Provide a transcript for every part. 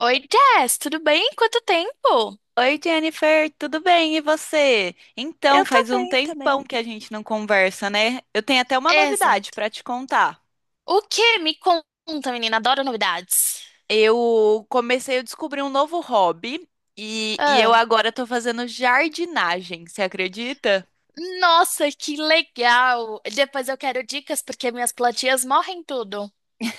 Oi, Jess, tudo bem? Quanto tempo? Oi, Jennifer, tudo bem? E você? Então, Eu tô faz um bem tempão também. que a gente não conversa, né? Eu tenho até uma novidade Exato. para te contar. O que? Me conta, menina. Adoro novidades. Eu comecei a descobrir um novo hobby e eu Ah, agora tô fazendo jardinagem, você acredita? nossa, que legal. Depois eu quero dicas porque minhas plantinhas morrem tudo.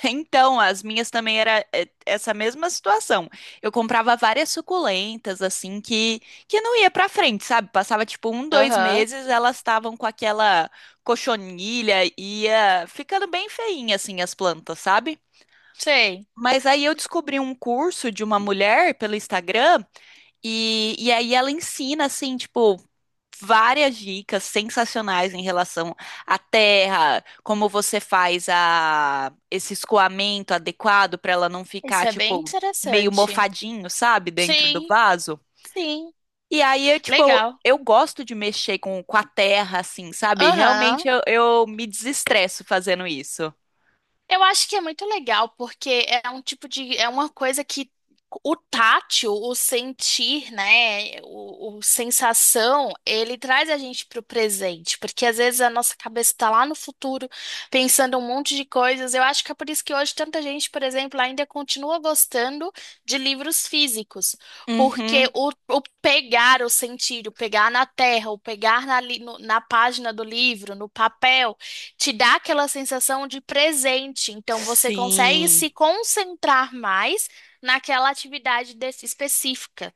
Então, as minhas também era essa mesma situação. Eu comprava várias suculentas, assim, que não ia pra frente, sabe? Passava tipo um, dois Aham, meses, elas estavam com aquela cochonilha, ia ficando bem feinha, assim, as plantas, sabe? sei. Mas aí eu descobri um curso de uma mulher pelo Instagram e aí ela ensina, assim, tipo, várias dicas sensacionais em relação à terra, como você faz a, esse escoamento adequado para ela não Isso ficar, é bem tipo, meio interessante. mofadinho, sabe, dentro do Sim, vaso. sim. E aí, eu, tipo, Legal. eu gosto de mexer com a terra, assim, sabe? Realmente Aham. eu me desestresso fazendo isso. Eu acho que é muito legal, porque é um tipo de, é uma coisa que o tátil, o sentir, né, o sensação, ele traz a gente para o presente, porque às vezes a nossa cabeça está lá no futuro, pensando um monte de coisas. Eu acho que é por isso que hoje tanta gente, por exemplo, ainda continua gostando de livros físicos, Uhum. porque o pegar, o sentir, o pegar na terra, o pegar na página do livro, no papel, te dá aquela sensação de presente. Então, você consegue Sim. se concentrar mais naquela atividade específica.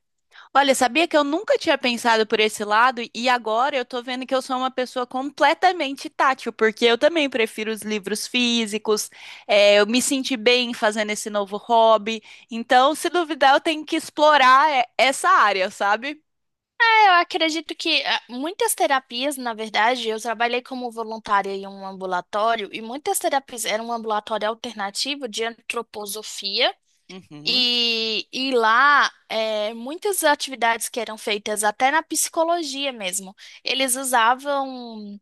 Olha, sabia que eu nunca tinha pensado por esse lado e agora eu tô vendo que eu sou uma pessoa completamente tátil, porque eu também prefiro os livros físicos, é, eu me senti bem fazendo esse novo hobby, então, se duvidar, eu tenho que explorar essa área, sabe? É, eu acredito que muitas terapias, na verdade, eu trabalhei como voluntária em um ambulatório e muitas terapias era um ambulatório alternativo de antroposofia. Uhum, E lá, muitas atividades que eram feitas até na psicologia mesmo, eles usavam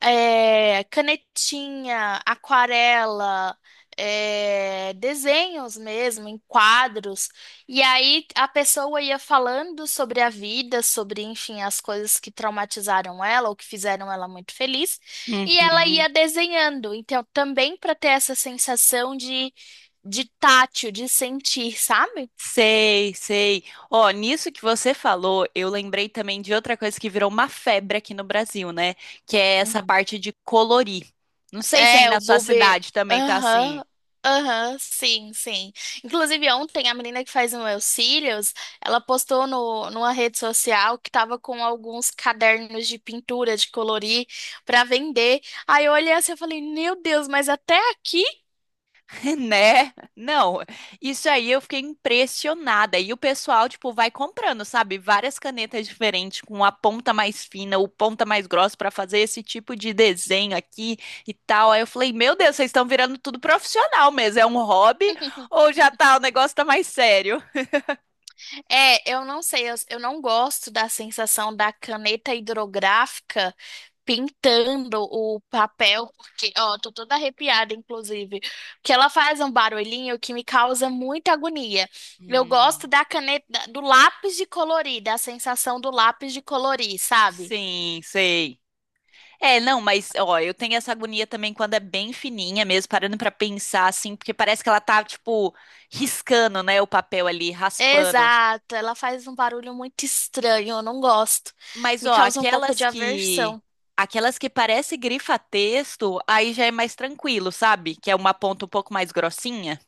canetinha, aquarela, desenhos mesmo, em quadros. E aí a pessoa ia falando sobre a vida, sobre, enfim, as coisas que traumatizaram ela ou que fizeram ela muito feliz, e ela uhum. ia desenhando. Então, também para ter essa sensação de tátil, de sentir, sabe? Sei, sei. Ó, nisso que você falou, eu lembrei também de outra coisa que virou uma febre aqui no Brasil, né? Que é essa Uhum. parte de colorir. Não sei se aí É, o na sua Bobe. cidade também tá assim. Aham. Aham, sim, sim. Inclusive, ontem a menina que faz o meu cílios, ela postou no, numa rede social que tava com alguns cadernos de pintura, de colorir, pra vender. Aí eu olhei assim e falei, meu Deus, mas até aqui? Né? Não, isso aí eu fiquei impressionada. E o pessoal, tipo, vai comprando, sabe? Várias canetas diferentes, com a ponta mais fina, o ponta mais grossa pra fazer esse tipo de desenho aqui e tal. Aí eu falei, meu Deus, vocês estão virando tudo profissional mesmo. É um hobby ou já tá, o negócio tá mais sério? É, eu não sei, eu não gosto da sensação da caneta hidrográfica pintando o papel, porque, ó, tô toda arrepiada, inclusive, que ela faz um barulhinho que me causa muita agonia. Eu gosto Hum, da caneta, do lápis de colorir, da sensação do lápis de colorir, sabe? sim, sei. É, não, mas ó, eu tenho essa agonia também quando é bem fininha mesmo, parando pra pensar assim, porque parece que ela tá tipo riscando, né, o papel ali, raspando. Exato, ela faz um barulho muito estranho, eu não gosto. Mas, Me ó, causa um pouco de aversão. aquelas que parece grifa-texto, aí já é mais tranquilo, sabe? Que é uma ponta um pouco mais grossinha.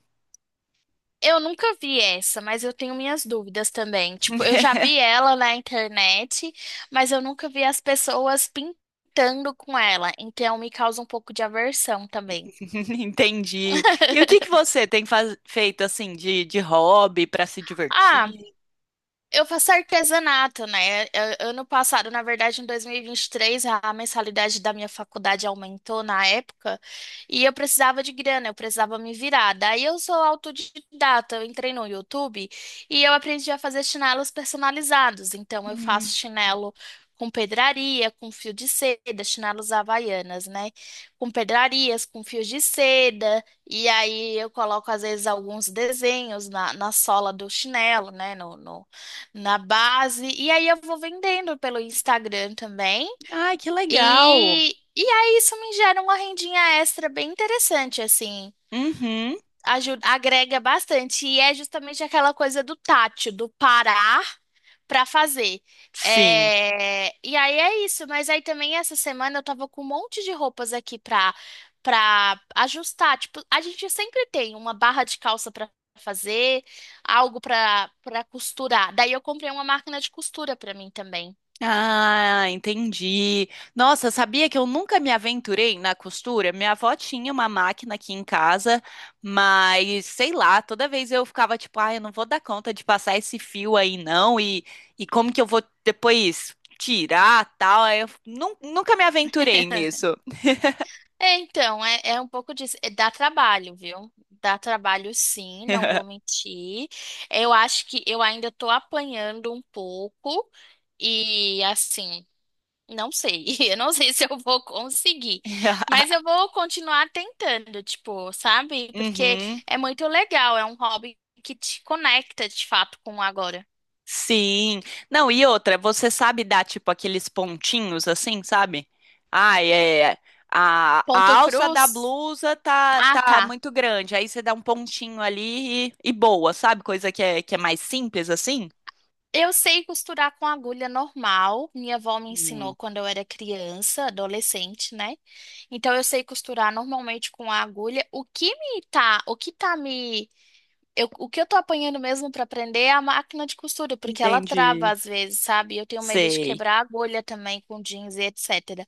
Eu nunca vi essa, mas eu tenho minhas dúvidas também. Tipo, eu já vi ela na internet, mas eu nunca vi as pessoas pintando com ela. Então me causa um pouco de aversão também. Entendi. E o que que você tem feito assim de hobby para se Ah, divertir? eu faço artesanato, né? Ano passado, na verdade, em dois mil e vinte e três, a mensalidade da minha faculdade aumentou na época e eu precisava de grana, eu precisava me virar. Daí eu sou autodidata, eu entrei no YouTube e eu aprendi a fazer chinelos personalizados. Então eu Hum. faço chinelo com pedraria, com fio de seda, chinelos havaianas, né? Com pedrarias, com fios de seda. E aí eu coloco, às vezes, alguns desenhos na sola do chinelo, né? Na base. E aí eu vou vendendo pelo Instagram também. Ai, que legal. E, e aí isso me gera uma rendinha extra bem interessante, assim. Uhum. Ajuda, agrega bastante. E é justamente aquela coisa do tátil, do parar para fazer. Sim. É, e aí é isso, mas aí também essa semana eu tava com um monte de roupas aqui pra ajustar. Tipo, a gente sempre tem uma barra de calça pra fazer, algo pra costurar. Daí eu comprei uma máquina de costura pra mim também. Ah, entendi. Nossa, sabia que eu nunca me aventurei na costura? Minha avó tinha uma máquina aqui em casa, mas sei lá, toda vez eu ficava tipo, ah, eu não vou dar conta de passar esse fio aí não, e como que eu vou depois tirar tal? Aí nunca me aventurei nisso. É, então, é um pouco disso. É, dá trabalho, viu? Dá trabalho, sim, não vou mentir. Eu acho que eu ainda tô apanhando um pouco. E assim. Não sei, eu não sei se eu vou conseguir, mas eu vou continuar tentando, tipo, sabe? Porque Uhum. é muito legal, é um hobby que te conecta de fato com o agora. Sim. Não, e outra, você sabe dar tipo aqueles pontinhos assim, sabe? Ah, é. A Ponto alça da cruz? blusa Ah, tá tá. muito grande. Aí você dá um pontinho ali e boa, sabe? Coisa que é mais simples assim. Eu sei costurar com agulha normal, minha avó me Hum, ensinou quando eu era criança, adolescente, né? Então eu sei costurar normalmente com a agulha. O que me tá, o que tá me O que eu tô apanhando mesmo pra aprender é a máquina de costura, porque ela entendi. trava às vezes, sabe? Eu tenho medo de Sei. quebrar a agulha também com jeans e etc.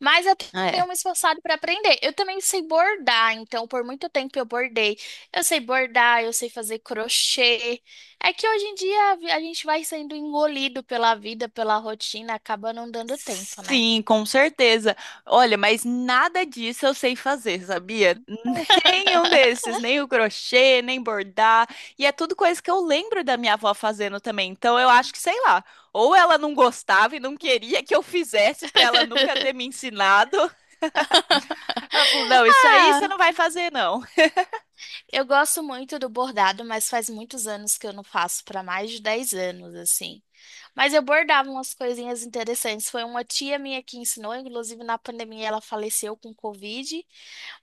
Mas eu É, tenho me esforçado pra aprender. Eu também sei bordar, então por muito tempo eu bordei. Eu sei bordar, eu sei fazer crochê. É que hoje em dia a gente vai sendo engolido pela vida, pela rotina, acaba não dando tempo, né? sim, com certeza. Olha, mas nada disso eu sei fazer, sabia? Nenhum desses, nem o crochê, nem bordar. E é tudo coisa que eu lembro da minha avó fazendo também. Então eu acho que, sei lá, ou ela não gostava e não queria que eu fizesse pra ela nunca ter me ensinado. Ela falou: não, isso aí você Ah! não vai fazer, não. Eu gosto muito do bordado, mas faz muitos anos que eu não faço, para mais de 10 anos, assim. Mas eu bordava umas coisinhas interessantes. Foi uma tia minha que ensinou, inclusive na pandemia ela faleceu com Covid,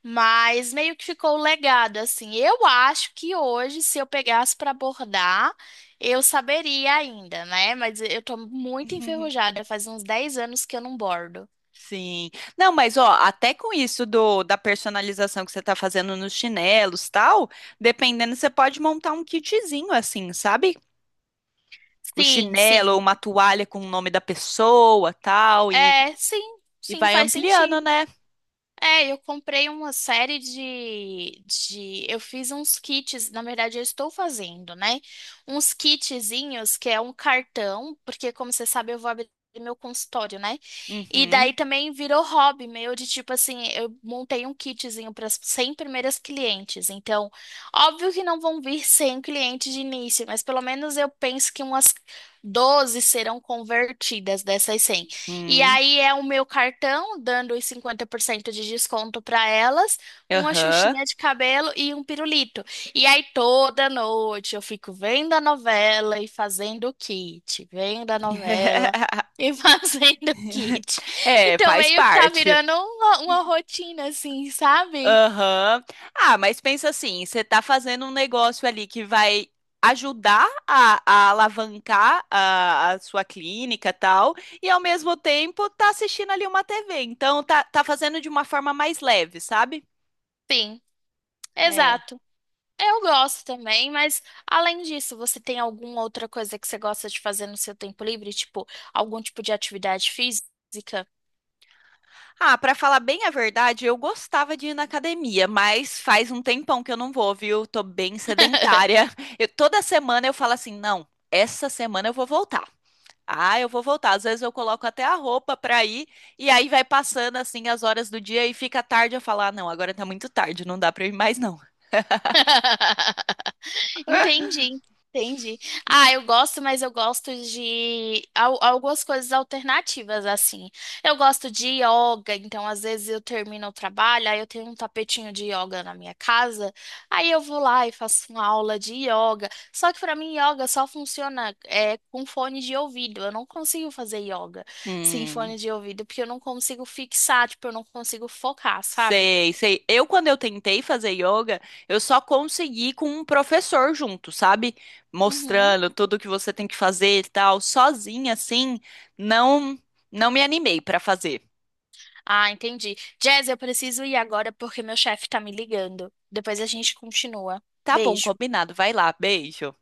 mas meio que ficou o legado, assim. Eu acho que hoje, se eu pegasse para bordar, eu saberia ainda, né? Mas eu tô muito enferrujada, faz uns 10 anos que eu não bordo. Sim. Não, mas ó, até com isso do da personalização que você tá fazendo nos chinelos, tal, dependendo, você pode montar um kitzinho assim, sabe? O Sim, chinelo ou sim. uma toalha com o nome da pessoa, tal, É, sim, e sim, vai faz ampliando, sentido. né? É, eu comprei uma série de. Eu fiz uns kits, na verdade, eu estou fazendo, né? Uns kitzinhos que é um cartão, porque, como você sabe, eu vou abrir meu consultório, né? E Uhum, daí também virou hobby meu de tipo assim, eu montei um kitzinho para as 100 primeiras clientes. Então, óbvio que não vão vir 100 clientes de início, mas pelo menos eu penso que umas 12 serão convertidas dessas 100. E uhum, aí é o meu cartão dando os 50% de desconto para elas, uma aham. xuxinha de cabelo e um pirulito. E aí toda noite eu fico vendo a novela e fazendo o kit, vendo a novela e fazendo o kit. É, Então faz meio que tá parte. virando uma rotina assim, sabe? Aham. Ah, mas pensa assim, você tá fazendo um negócio ali que vai ajudar a alavancar a sua clínica, tal, e ao mesmo tempo tá assistindo ali uma TV. Então tá, tá fazendo de uma forma mais leve, sabe? Sim, É. exato. Eu gosto também, mas além disso, você tem alguma outra coisa que você gosta de fazer no seu tempo livre? Tipo, algum tipo de atividade física? Ah, pra falar bem a verdade, eu gostava de ir na academia, mas faz um tempão que eu não vou, viu? Tô bem sedentária. Toda semana eu falo assim, não, essa semana eu vou voltar. Ah, eu vou voltar. Às vezes eu coloco até a roupa pra ir e aí vai passando assim as horas do dia e fica tarde eu falo, ah, não, agora tá muito tarde, não dá pra eu ir mais não. Entendi, entendi. Ah, eu gosto, mas eu gosto de algumas coisas alternativas, assim. Eu gosto de yoga, então às vezes eu termino o trabalho, aí eu tenho um tapetinho de yoga na minha casa, aí eu vou lá e faço uma aula de yoga. Só que pra mim, yoga só funciona com fone de ouvido. Eu não consigo fazer yoga sem Hum. fone de ouvido, porque eu não consigo fixar, tipo, eu não consigo focar, sabe? Sei, sei. Eu, quando eu tentei fazer yoga, eu só consegui com um professor junto, sabe? Uhum. Mostrando tudo que você tem que fazer e tal. Sozinha, assim, não, não me animei pra fazer. Ah, entendi. Jazz, eu preciso ir agora porque meu chefe tá me ligando. Depois a gente continua. Tá bom, Beijo. combinado. Vai lá, beijo.